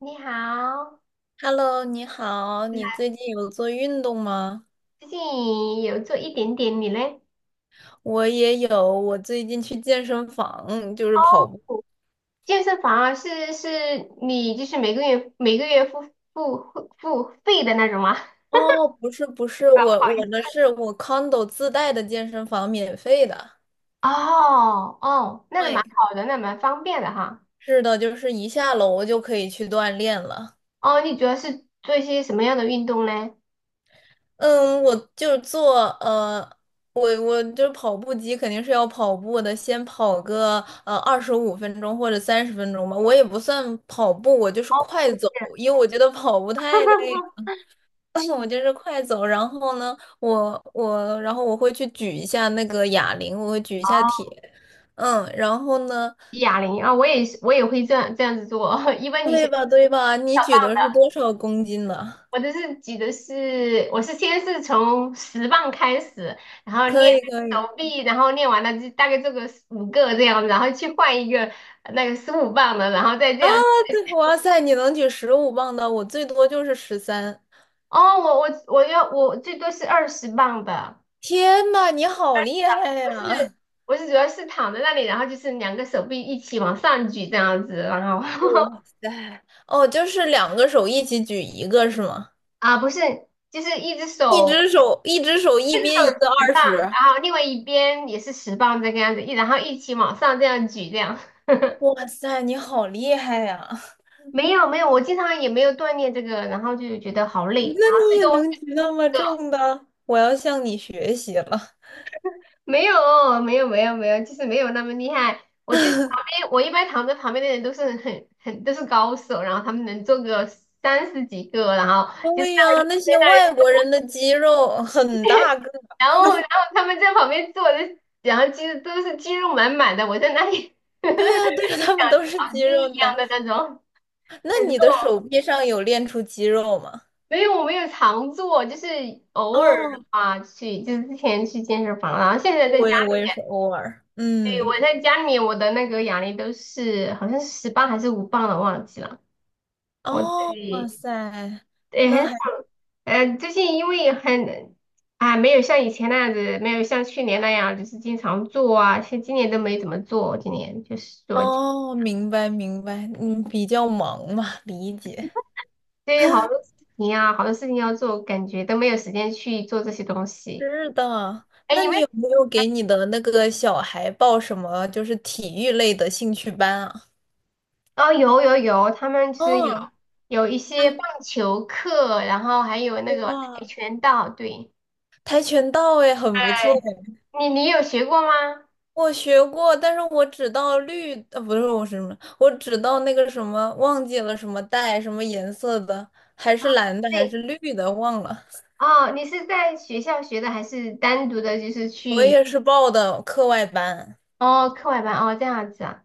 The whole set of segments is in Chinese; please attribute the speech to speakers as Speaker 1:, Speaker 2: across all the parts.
Speaker 1: 你好，
Speaker 2: Hello，你好，
Speaker 1: 你
Speaker 2: 你
Speaker 1: 好。
Speaker 2: 最近有做运动吗？
Speaker 1: 最近有做一点点，你嘞？
Speaker 2: 我也有，我最近去健身房，就是
Speaker 1: 哦，
Speaker 2: 跑步。
Speaker 1: 健身房啊，是是。你就是每个月付费的那种吗？
Speaker 2: 哦，不是不是，我的是我 condo 自带的健身房，免费的。
Speaker 1: 哦哦，那个蛮
Speaker 2: 对，
Speaker 1: 好的，那蛮方便的哈。
Speaker 2: 是的，就是一下楼就可以去锻炼了。
Speaker 1: 哦，你主要是做一些什么样的运动嘞？
Speaker 2: 嗯，我就是跑步机肯定是要跑步的，先跑个25分钟或者30分钟吧。我也不算跑步，我就是快走，因为我觉得跑步太累。我就是快走，然后呢，我我然后我会去举一下那个哑铃，我会举一
Speaker 1: 哦，
Speaker 2: 下铁，嗯，然后呢，
Speaker 1: 哑铃啊，我也是，我也会这样子做。一般你
Speaker 2: 对
Speaker 1: 前
Speaker 2: 吧对吧？你举的是多少公斤的？
Speaker 1: 我是先是从十磅开始，然后
Speaker 2: 可
Speaker 1: 练
Speaker 2: 以可以
Speaker 1: 手臂，然后练完了就大概做个五个这样，然后去换一个那个15磅的，然后再这
Speaker 2: 啊，
Speaker 1: 样。
Speaker 2: 对，哇塞，你能举15磅的，我最多就是13。
Speaker 1: 哦，我最多是20磅的。
Speaker 2: 天呐，你好厉害
Speaker 1: 我是
Speaker 2: 呀！
Speaker 1: 我是主要是躺在那里，然后就是两个手臂一起往上举这样子，然后
Speaker 2: 哇塞，哦，就是两个手一起举一个是吗？
Speaker 1: 啊不是，就是一只
Speaker 2: 一
Speaker 1: 手
Speaker 2: 只手一只手
Speaker 1: 一
Speaker 2: 一
Speaker 1: 只
Speaker 2: 边一
Speaker 1: 手
Speaker 2: 个
Speaker 1: 十
Speaker 2: 二
Speaker 1: 磅，
Speaker 2: 十，
Speaker 1: 然后另外一边也是十磅这个样子，然后一起往上这样举这样。
Speaker 2: 哇塞，你好厉害呀！
Speaker 1: 没有没有，我经常也没有锻炼这个，然后就觉得好累，然后
Speaker 2: 你
Speaker 1: 最
Speaker 2: 也
Speaker 1: 多
Speaker 2: 能举那么
Speaker 1: 这个
Speaker 2: 重的？我要向你学习了。
Speaker 1: 没有没有没有没有，就是没有那么厉害。我就是旁边，我一般躺在旁边的人都是高手，然后他们能做个30几个，然后就在
Speaker 2: 对
Speaker 1: 那
Speaker 2: 呀，
Speaker 1: 里，
Speaker 2: 那些外国人的肌肉很大个。
Speaker 1: 然后他们在旁边坐着，然后都是肌肉满满的，我在那里 像
Speaker 2: 对呀，对呀，他们都是
Speaker 1: 小
Speaker 2: 肌
Speaker 1: 鸡
Speaker 2: 肉
Speaker 1: 一样
Speaker 2: 男。
Speaker 1: 的那种。
Speaker 2: 那你的手臂上有练出肌肉吗？
Speaker 1: 没有，我没有常做，就是偶尔的
Speaker 2: 哦，
Speaker 1: 话去，就是之前去健身房，然后现在在
Speaker 2: 我
Speaker 1: 家。
Speaker 2: 也我也是偶尔。
Speaker 1: 对，
Speaker 2: 嗯，
Speaker 1: 我在家里面，我的那个哑铃都是好像是十磅还是五磅的，忘记了。我自
Speaker 2: 哦，哇
Speaker 1: 己
Speaker 2: 塞，
Speaker 1: 对
Speaker 2: 那
Speaker 1: 很少。
Speaker 2: 还
Speaker 1: 最近因为很啊，没有像以前那样子，没有像去年那样，就是经常做啊，像今年都没怎么做，今年就是做，
Speaker 2: 哦，明白明白，嗯，比较忙嘛，理解。
Speaker 1: 对，好多事情啊，好多事情要做，感觉都没有时间去做这些东西。
Speaker 2: 是的，
Speaker 1: 哎，
Speaker 2: 那你有没有给你的那个小孩报什么就是体育类的兴趣班啊？
Speaker 1: 哦，有有有，他们就是有
Speaker 2: 哦，
Speaker 1: 有一些棒
Speaker 2: 看
Speaker 1: 球课，然后还有那个跆
Speaker 2: 过
Speaker 1: 拳道，对。
Speaker 2: 跆拳道哎，很不错哎，
Speaker 1: 你有学过吗？
Speaker 2: 我学过，但是我只到绿，呃，不是我是什么，我只到那个什么，忘记了什么带什么颜色的，还是蓝的还
Speaker 1: 对。
Speaker 2: 是绿的，忘了。
Speaker 1: 哦，你是在学校学的，还是单独的，就是
Speaker 2: 我
Speaker 1: 去
Speaker 2: 也是报的课外班。
Speaker 1: 哦课外班哦这样子啊？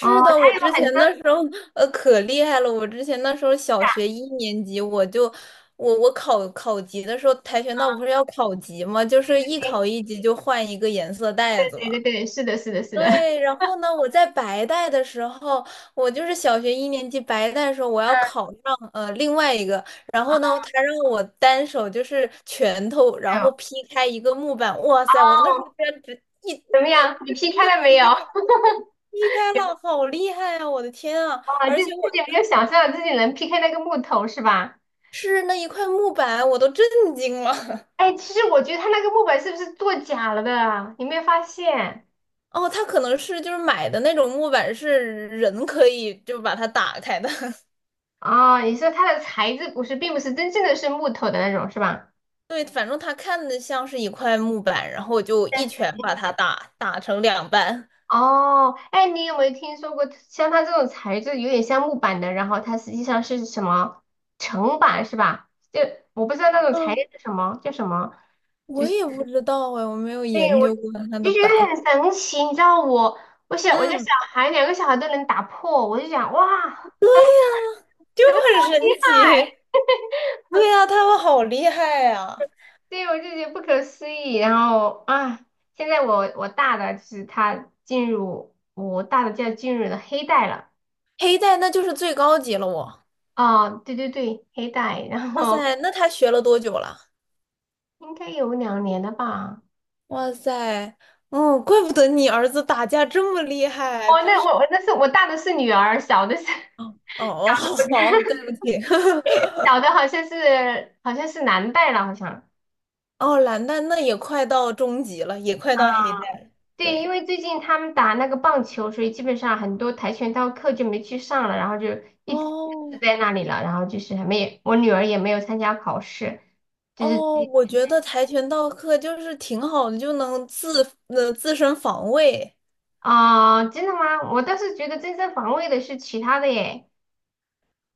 Speaker 1: 哦，
Speaker 2: 的，我
Speaker 1: 他有
Speaker 2: 之前
Speaker 1: 很多，哎
Speaker 2: 那时候呃可厉害了，我之前那时候小学一年级我就。我考考级的时候，跆拳道不是要考级吗？就是一考一级就换一个颜色带
Speaker 1: 对
Speaker 2: 子嘛。
Speaker 1: 对对对，是的，是的，是的，
Speaker 2: 对，然后呢，我在白带的时候，我就是小学一年级白带的时候，我要考上呃另外一个，然后呢，他让我单手就是拳头，
Speaker 1: 还
Speaker 2: 然
Speaker 1: 有
Speaker 2: 后
Speaker 1: 哦，
Speaker 2: 劈开一个木板，哇塞，我那时候居然只一
Speaker 1: 怎么样？你
Speaker 2: 就
Speaker 1: 劈
Speaker 2: 真
Speaker 1: 开
Speaker 2: 的
Speaker 1: 了没
Speaker 2: 劈
Speaker 1: 有？
Speaker 2: 开了，劈开了，好厉害啊！我的天啊，
Speaker 1: 哦，
Speaker 2: 而
Speaker 1: 就是
Speaker 2: 且
Speaker 1: 自己
Speaker 2: 我
Speaker 1: 没有想象自己能劈开那个木头是吧？
Speaker 2: 是那一块木板，我都震惊了。
Speaker 1: 哎，其实我觉得它那个木板是不是做假了的？你没有发现？
Speaker 2: 哦，他可能是就是买的那种木板，是人可以就把它打开的。
Speaker 1: 哦，你说它的材质不是，并不是真正的是木头的那种是吧？
Speaker 2: 对，反正他看的像是一块木板，然后我就一拳把他打成两半。
Speaker 1: 哦，哎，你有没有听说过像它这种材质有点像木板的，然后它实际上是什么层板是吧？就我不知道那种材
Speaker 2: 嗯，
Speaker 1: 料是什么，叫什么，就
Speaker 2: 我
Speaker 1: 是
Speaker 2: 也不知道哎，我没有
Speaker 1: 对
Speaker 2: 研
Speaker 1: 我就
Speaker 2: 究过他的
Speaker 1: 觉
Speaker 2: 板。
Speaker 1: 得很神奇，你知道我我小我家小
Speaker 2: 嗯，
Speaker 1: 孩两个小孩都能打破，我就想哇，
Speaker 2: 对呀，就
Speaker 1: 怎么这
Speaker 2: 很
Speaker 1: 么厉
Speaker 2: 神
Speaker 1: 害？
Speaker 2: 奇。对呀，他们好厉害呀！
Speaker 1: 对，我就觉得不可思议。然后啊，现在我我大的就是他进入我大的就要进入了黑带了。
Speaker 2: 黑带那就是最高级了我。
Speaker 1: 哦，对对对，黑带，然
Speaker 2: 哇
Speaker 1: 后
Speaker 2: 塞，那他学了多久了？
Speaker 1: 应该有2年了吧？
Speaker 2: 哇塞，嗯，怪不得你儿子打架这么厉害，
Speaker 1: 哦，
Speaker 2: 真
Speaker 1: 那
Speaker 2: 是。
Speaker 1: 我大的是女儿，小的是
Speaker 2: 哦哦，哦好，好，对不起。
Speaker 1: 小的好像是男带了，好像。
Speaker 2: 哦，蓝带那也快到中级了，也快
Speaker 1: 啊，
Speaker 2: 到黑带了。
Speaker 1: 对，
Speaker 2: 对，
Speaker 1: 因为最近他们打那个棒球，所以基本上很多跆拳道课就没去上了，然后就一直搁置
Speaker 2: 哦，
Speaker 1: 在那里了，然后就是还没，我女儿也没有参加考试，就是。
Speaker 2: 哦，我觉得跆拳道课就是挺好的，就能自身防卫
Speaker 1: 啊、真的吗？我倒是觉得正防卫的是其他的耶，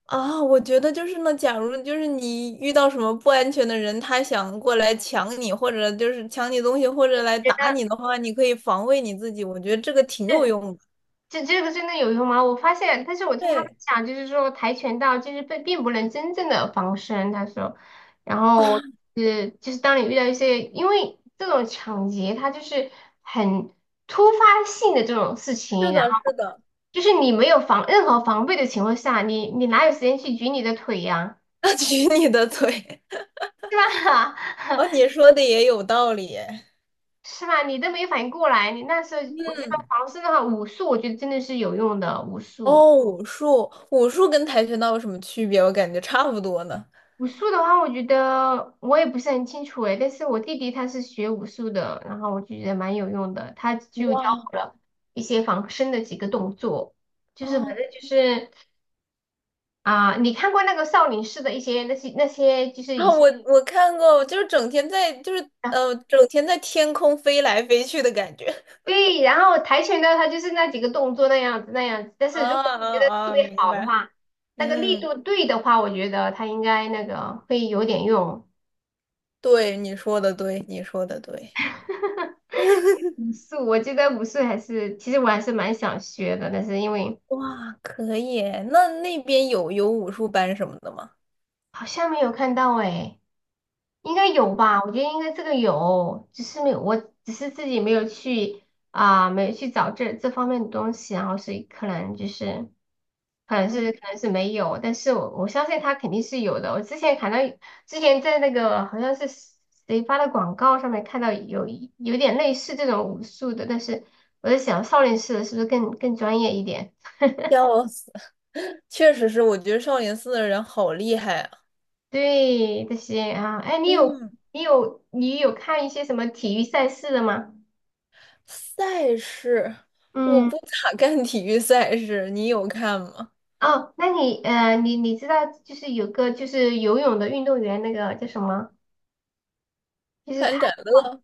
Speaker 2: 啊。我觉得就是呢，假如就是你遇到什么不安全的人，他想过来抢你，或者就是抢你东西，或者来
Speaker 1: 觉
Speaker 2: 打
Speaker 1: 得。
Speaker 2: 你的话，你可以防卫你自己。我觉得这个挺有用的。
Speaker 1: 这个真的有用吗？我发现，但是我听他们
Speaker 2: 对
Speaker 1: 讲，就是说跆拳道就是并不能真正的防身，他说，然后
Speaker 2: 啊，
Speaker 1: 是就是当你遇到一些，因为这种抢劫，它就是很突发性的这种事情，
Speaker 2: 是
Speaker 1: 然
Speaker 2: 的，是
Speaker 1: 后
Speaker 2: 的，
Speaker 1: 就是你没有防任何防备的情况下，你哪有时间去举你的腿呀，
Speaker 2: 他举你的腿。
Speaker 1: 是吧？
Speaker 2: 哦，你说的也有道理。
Speaker 1: 是吧？你都没反应过来，你那时候我觉得
Speaker 2: 嗯。
Speaker 1: 防身的话，武术我觉得真的是有用的，武术。
Speaker 2: 哦，武术，武术跟跆拳道有什么区别？我感觉差不多呢。
Speaker 1: 武术的话，我觉得我也不是很清楚诶，但是我弟弟他是学武术的，然后我就觉得蛮有用的，他就教
Speaker 2: 哇，
Speaker 1: 我了一些防身的几个动作，就是反
Speaker 2: 哦，
Speaker 1: 正就是。啊、你看过那个少林寺的一些那些就是
Speaker 2: 啊，
Speaker 1: 以前。
Speaker 2: 我看过，就是整天在，就是
Speaker 1: 啊，
Speaker 2: 呃，整天在天空飞来飞去的感觉。
Speaker 1: 对，然后跆拳道它就是那几个动作那样子，但
Speaker 2: 啊
Speaker 1: 是如果觉
Speaker 2: 啊
Speaker 1: 得特
Speaker 2: 啊！
Speaker 1: 别
Speaker 2: 明
Speaker 1: 好的
Speaker 2: 白。
Speaker 1: 话，那个力
Speaker 2: 嗯，
Speaker 1: 度对的话，我觉得他应该会有点用。
Speaker 2: 对，你说的对，你说的对。
Speaker 1: 武术，我觉得武术还是，其实我还是蛮想学的，但是因为。
Speaker 2: 哇，可以耶那那边有有武术班什么的吗？
Speaker 1: 好像没有看到诶，应该有吧？我觉得应该这个有，只是没有，我只是自己没有去找这方面的东西，然后所以可能就是，可能是没有，但是我相信它肯定是有的。我之前看到，之前在那个好像是谁发的广告上面看到有有点类似这种武术的，但是我在想少林寺的是不是更专业一点？
Speaker 2: 笑死，确实是，我觉得少林寺的人好厉害啊。
Speaker 1: 对这些啊，哎，你有
Speaker 2: 嗯。
Speaker 1: 你有你有看一些什么体育赛事的吗？
Speaker 2: 赛事，我
Speaker 1: 嗯，
Speaker 2: 不咋看体育赛事，你有看吗？
Speaker 1: 哦，那你知道就是有个就是游泳的运动员，那个叫什么？就是他
Speaker 2: 潘展乐、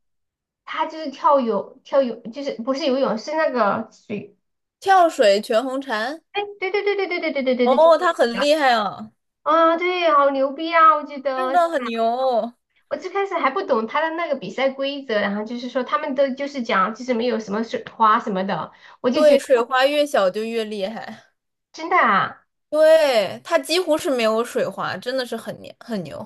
Speaker 1: 他就是跳泳，就是不是游泳是那个水，
Speaker 2: 跳水、全红婵，
Speaker 1: 哎，对对对对对对对对对对，
Speaker 2: 哦，他很厉害啊，
Speaker 1: 啊，对，好牛逼啊！我觉
Speaker 2: 真
Speaker 1: 得
Speaker 2: 的很牛。
Speaker 1: 我最开始还不懂他的那个比赛规则，然后就是说他们都就是讲就是没有什么水花什么的，我就觉
Speaker 2: 对，
Speaker 1: 得
Speaker 2: 水花越小就越厉害，
Speaker 1: 真的啊。
Speaker 2: 对，他几乎是没有水花，真的是很牛很牛。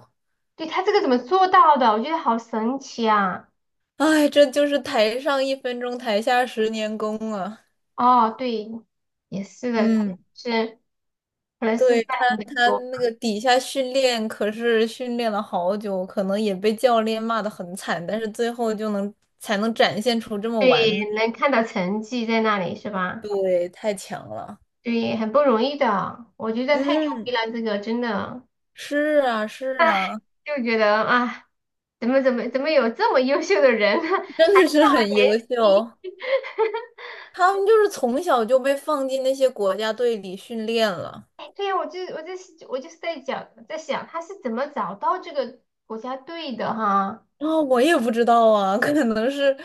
Speaker 1: 对，他这个怎么做到的？我觉得好神奇啊！
Speaker 2: 哎，这就是台上一分钟，台下十年功啊。
Speaker 1: 哦，对，也是的，可能
Speaker 2: 嗯，
Speaker 1: 是可能是
Speaker 2: 对
Speaker 1: 在
Speaker 2: 他，
Speaker 1: 美
Speaker 2: 他
Speaker 1: 国，
Speaker 2: 那个底下训练可是训练了好久，可能也被教练骂得很惨，但是最后就能才能展现出这么
Speaker 1: 对，
Speaker 2: 完美。
Speaker 1: 能看到成绩在那里是吧？
Speaker 2: 对，太强了。
Speaker 1: 对，很不容易的，我觉得太牛逼
Speaker 2: 嗯，
Speaker 1: 了，这个真的，
Speaker 2: 是啊，是
Speaker 1: 唉，
Speaker 2: 啊，
Speaker 1: 就觉得啊，怎么有这么优秀的人？
Speaker 2: 真
Speaker 1: 他
Speaker 2: 的是很优
Speaker 1: 年
Speaker 2: 秀。
Speaker 1: 轻，
Speaker 2: 他们就是从小就被放进那些国家队里训练了。
Speaker 1: 哎，对呀，我就是在想他是怎么找到这个国家队的哈？
Speaker 2: 啊、我也不知道啊，可能是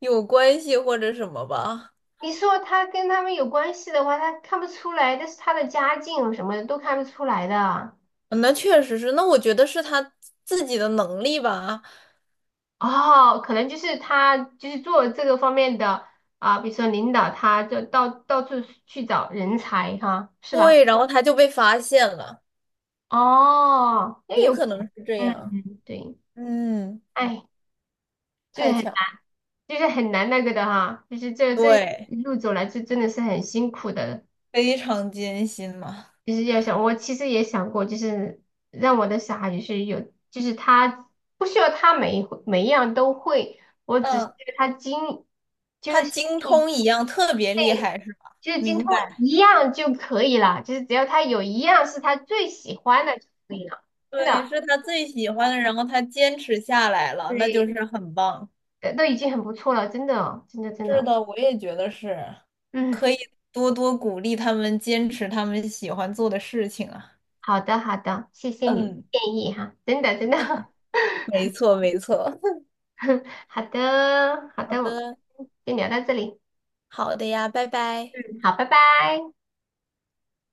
Speaker 2: 有关系或者什么吧。
Speaker 1: 你说他跟他们有关系的话，他看不出来，但是他的家境什么的都看不出来的。
Speaker 2: 那确实是，那我觉得是他自己的能力吧。
Speaker 1: 哦，可能就是他就是做这个方面的啊，比如说领导他就到处去找人才哈，是吧？
Speaker 2: 对，然后他就被发现了，
Speaker 1: 哦，那
Speaker 2: 有
Speaker 1: 有，
Speaker 2: 可能是这
Speaker 1: 嗯，
Speaker 2: 样。
Speaker 1: 对，
Speaker 2: 嗯，
Speaker 1: 哎，就是
Speaker 2: 太
Speaker 1: 很
Speaker 2: 强，
Speaker 1: 就是很难那个的哈，就是这
Speaker 2: 对，
Speaker 1: 一路走来，这真的是很辛苦的。
Speaker 2: 非常艰辛嘛。
Speaker 1: 其实要想，我其实也想过，就是让我的小孩就是有，就是他不需要他每一回每一样都会，我只是
Speaker 2: 嗯，
Speaker 1: 他精，就
Speaker 2: 他
Speaker 1: 是
Speaker 2: 精
Speaker 1: 嗯
Speaker 2: 通一样特别厉害，是吧？
Speaker 1: 就是精
Speaker 2: 明
Speaker 1: 通
Speaker 2: 白。
Speaker 1: 一样就可以了，就是只要他有一样是他最喜欢的就可以了，真的，
Speaker 2: 对，是他最喜欢的，然后他坚持下来了，那就
Speaker 1: 对，
Speaker 2: 是很棒。
Speaker 1: 都已经很不错了，真的，真的，真
Speaker 2: 是
Speaker 1: 的，
Speaker 2: 的，我也觉得是，
Speaker 1: 嗯，
Speaker 2: 可以多多鼓励他们坚持他们喜欢做的事情啊。
Speaker 1: 好的，好的，谢谢你的
Speaker 2: 嗯，
Speaker 1: 建议哈，真的，真的，
Speaker 2: 没错，没错。
Speaker 1: 好的，好
Speaker 2: 好
Speaker 1: 的，我
Speaker 2: 的，
Speaker 1: 们先聊到这里，
Speaker 2: 好的呀，拜拜。
Speaker 1: 嗯，好，拜拜。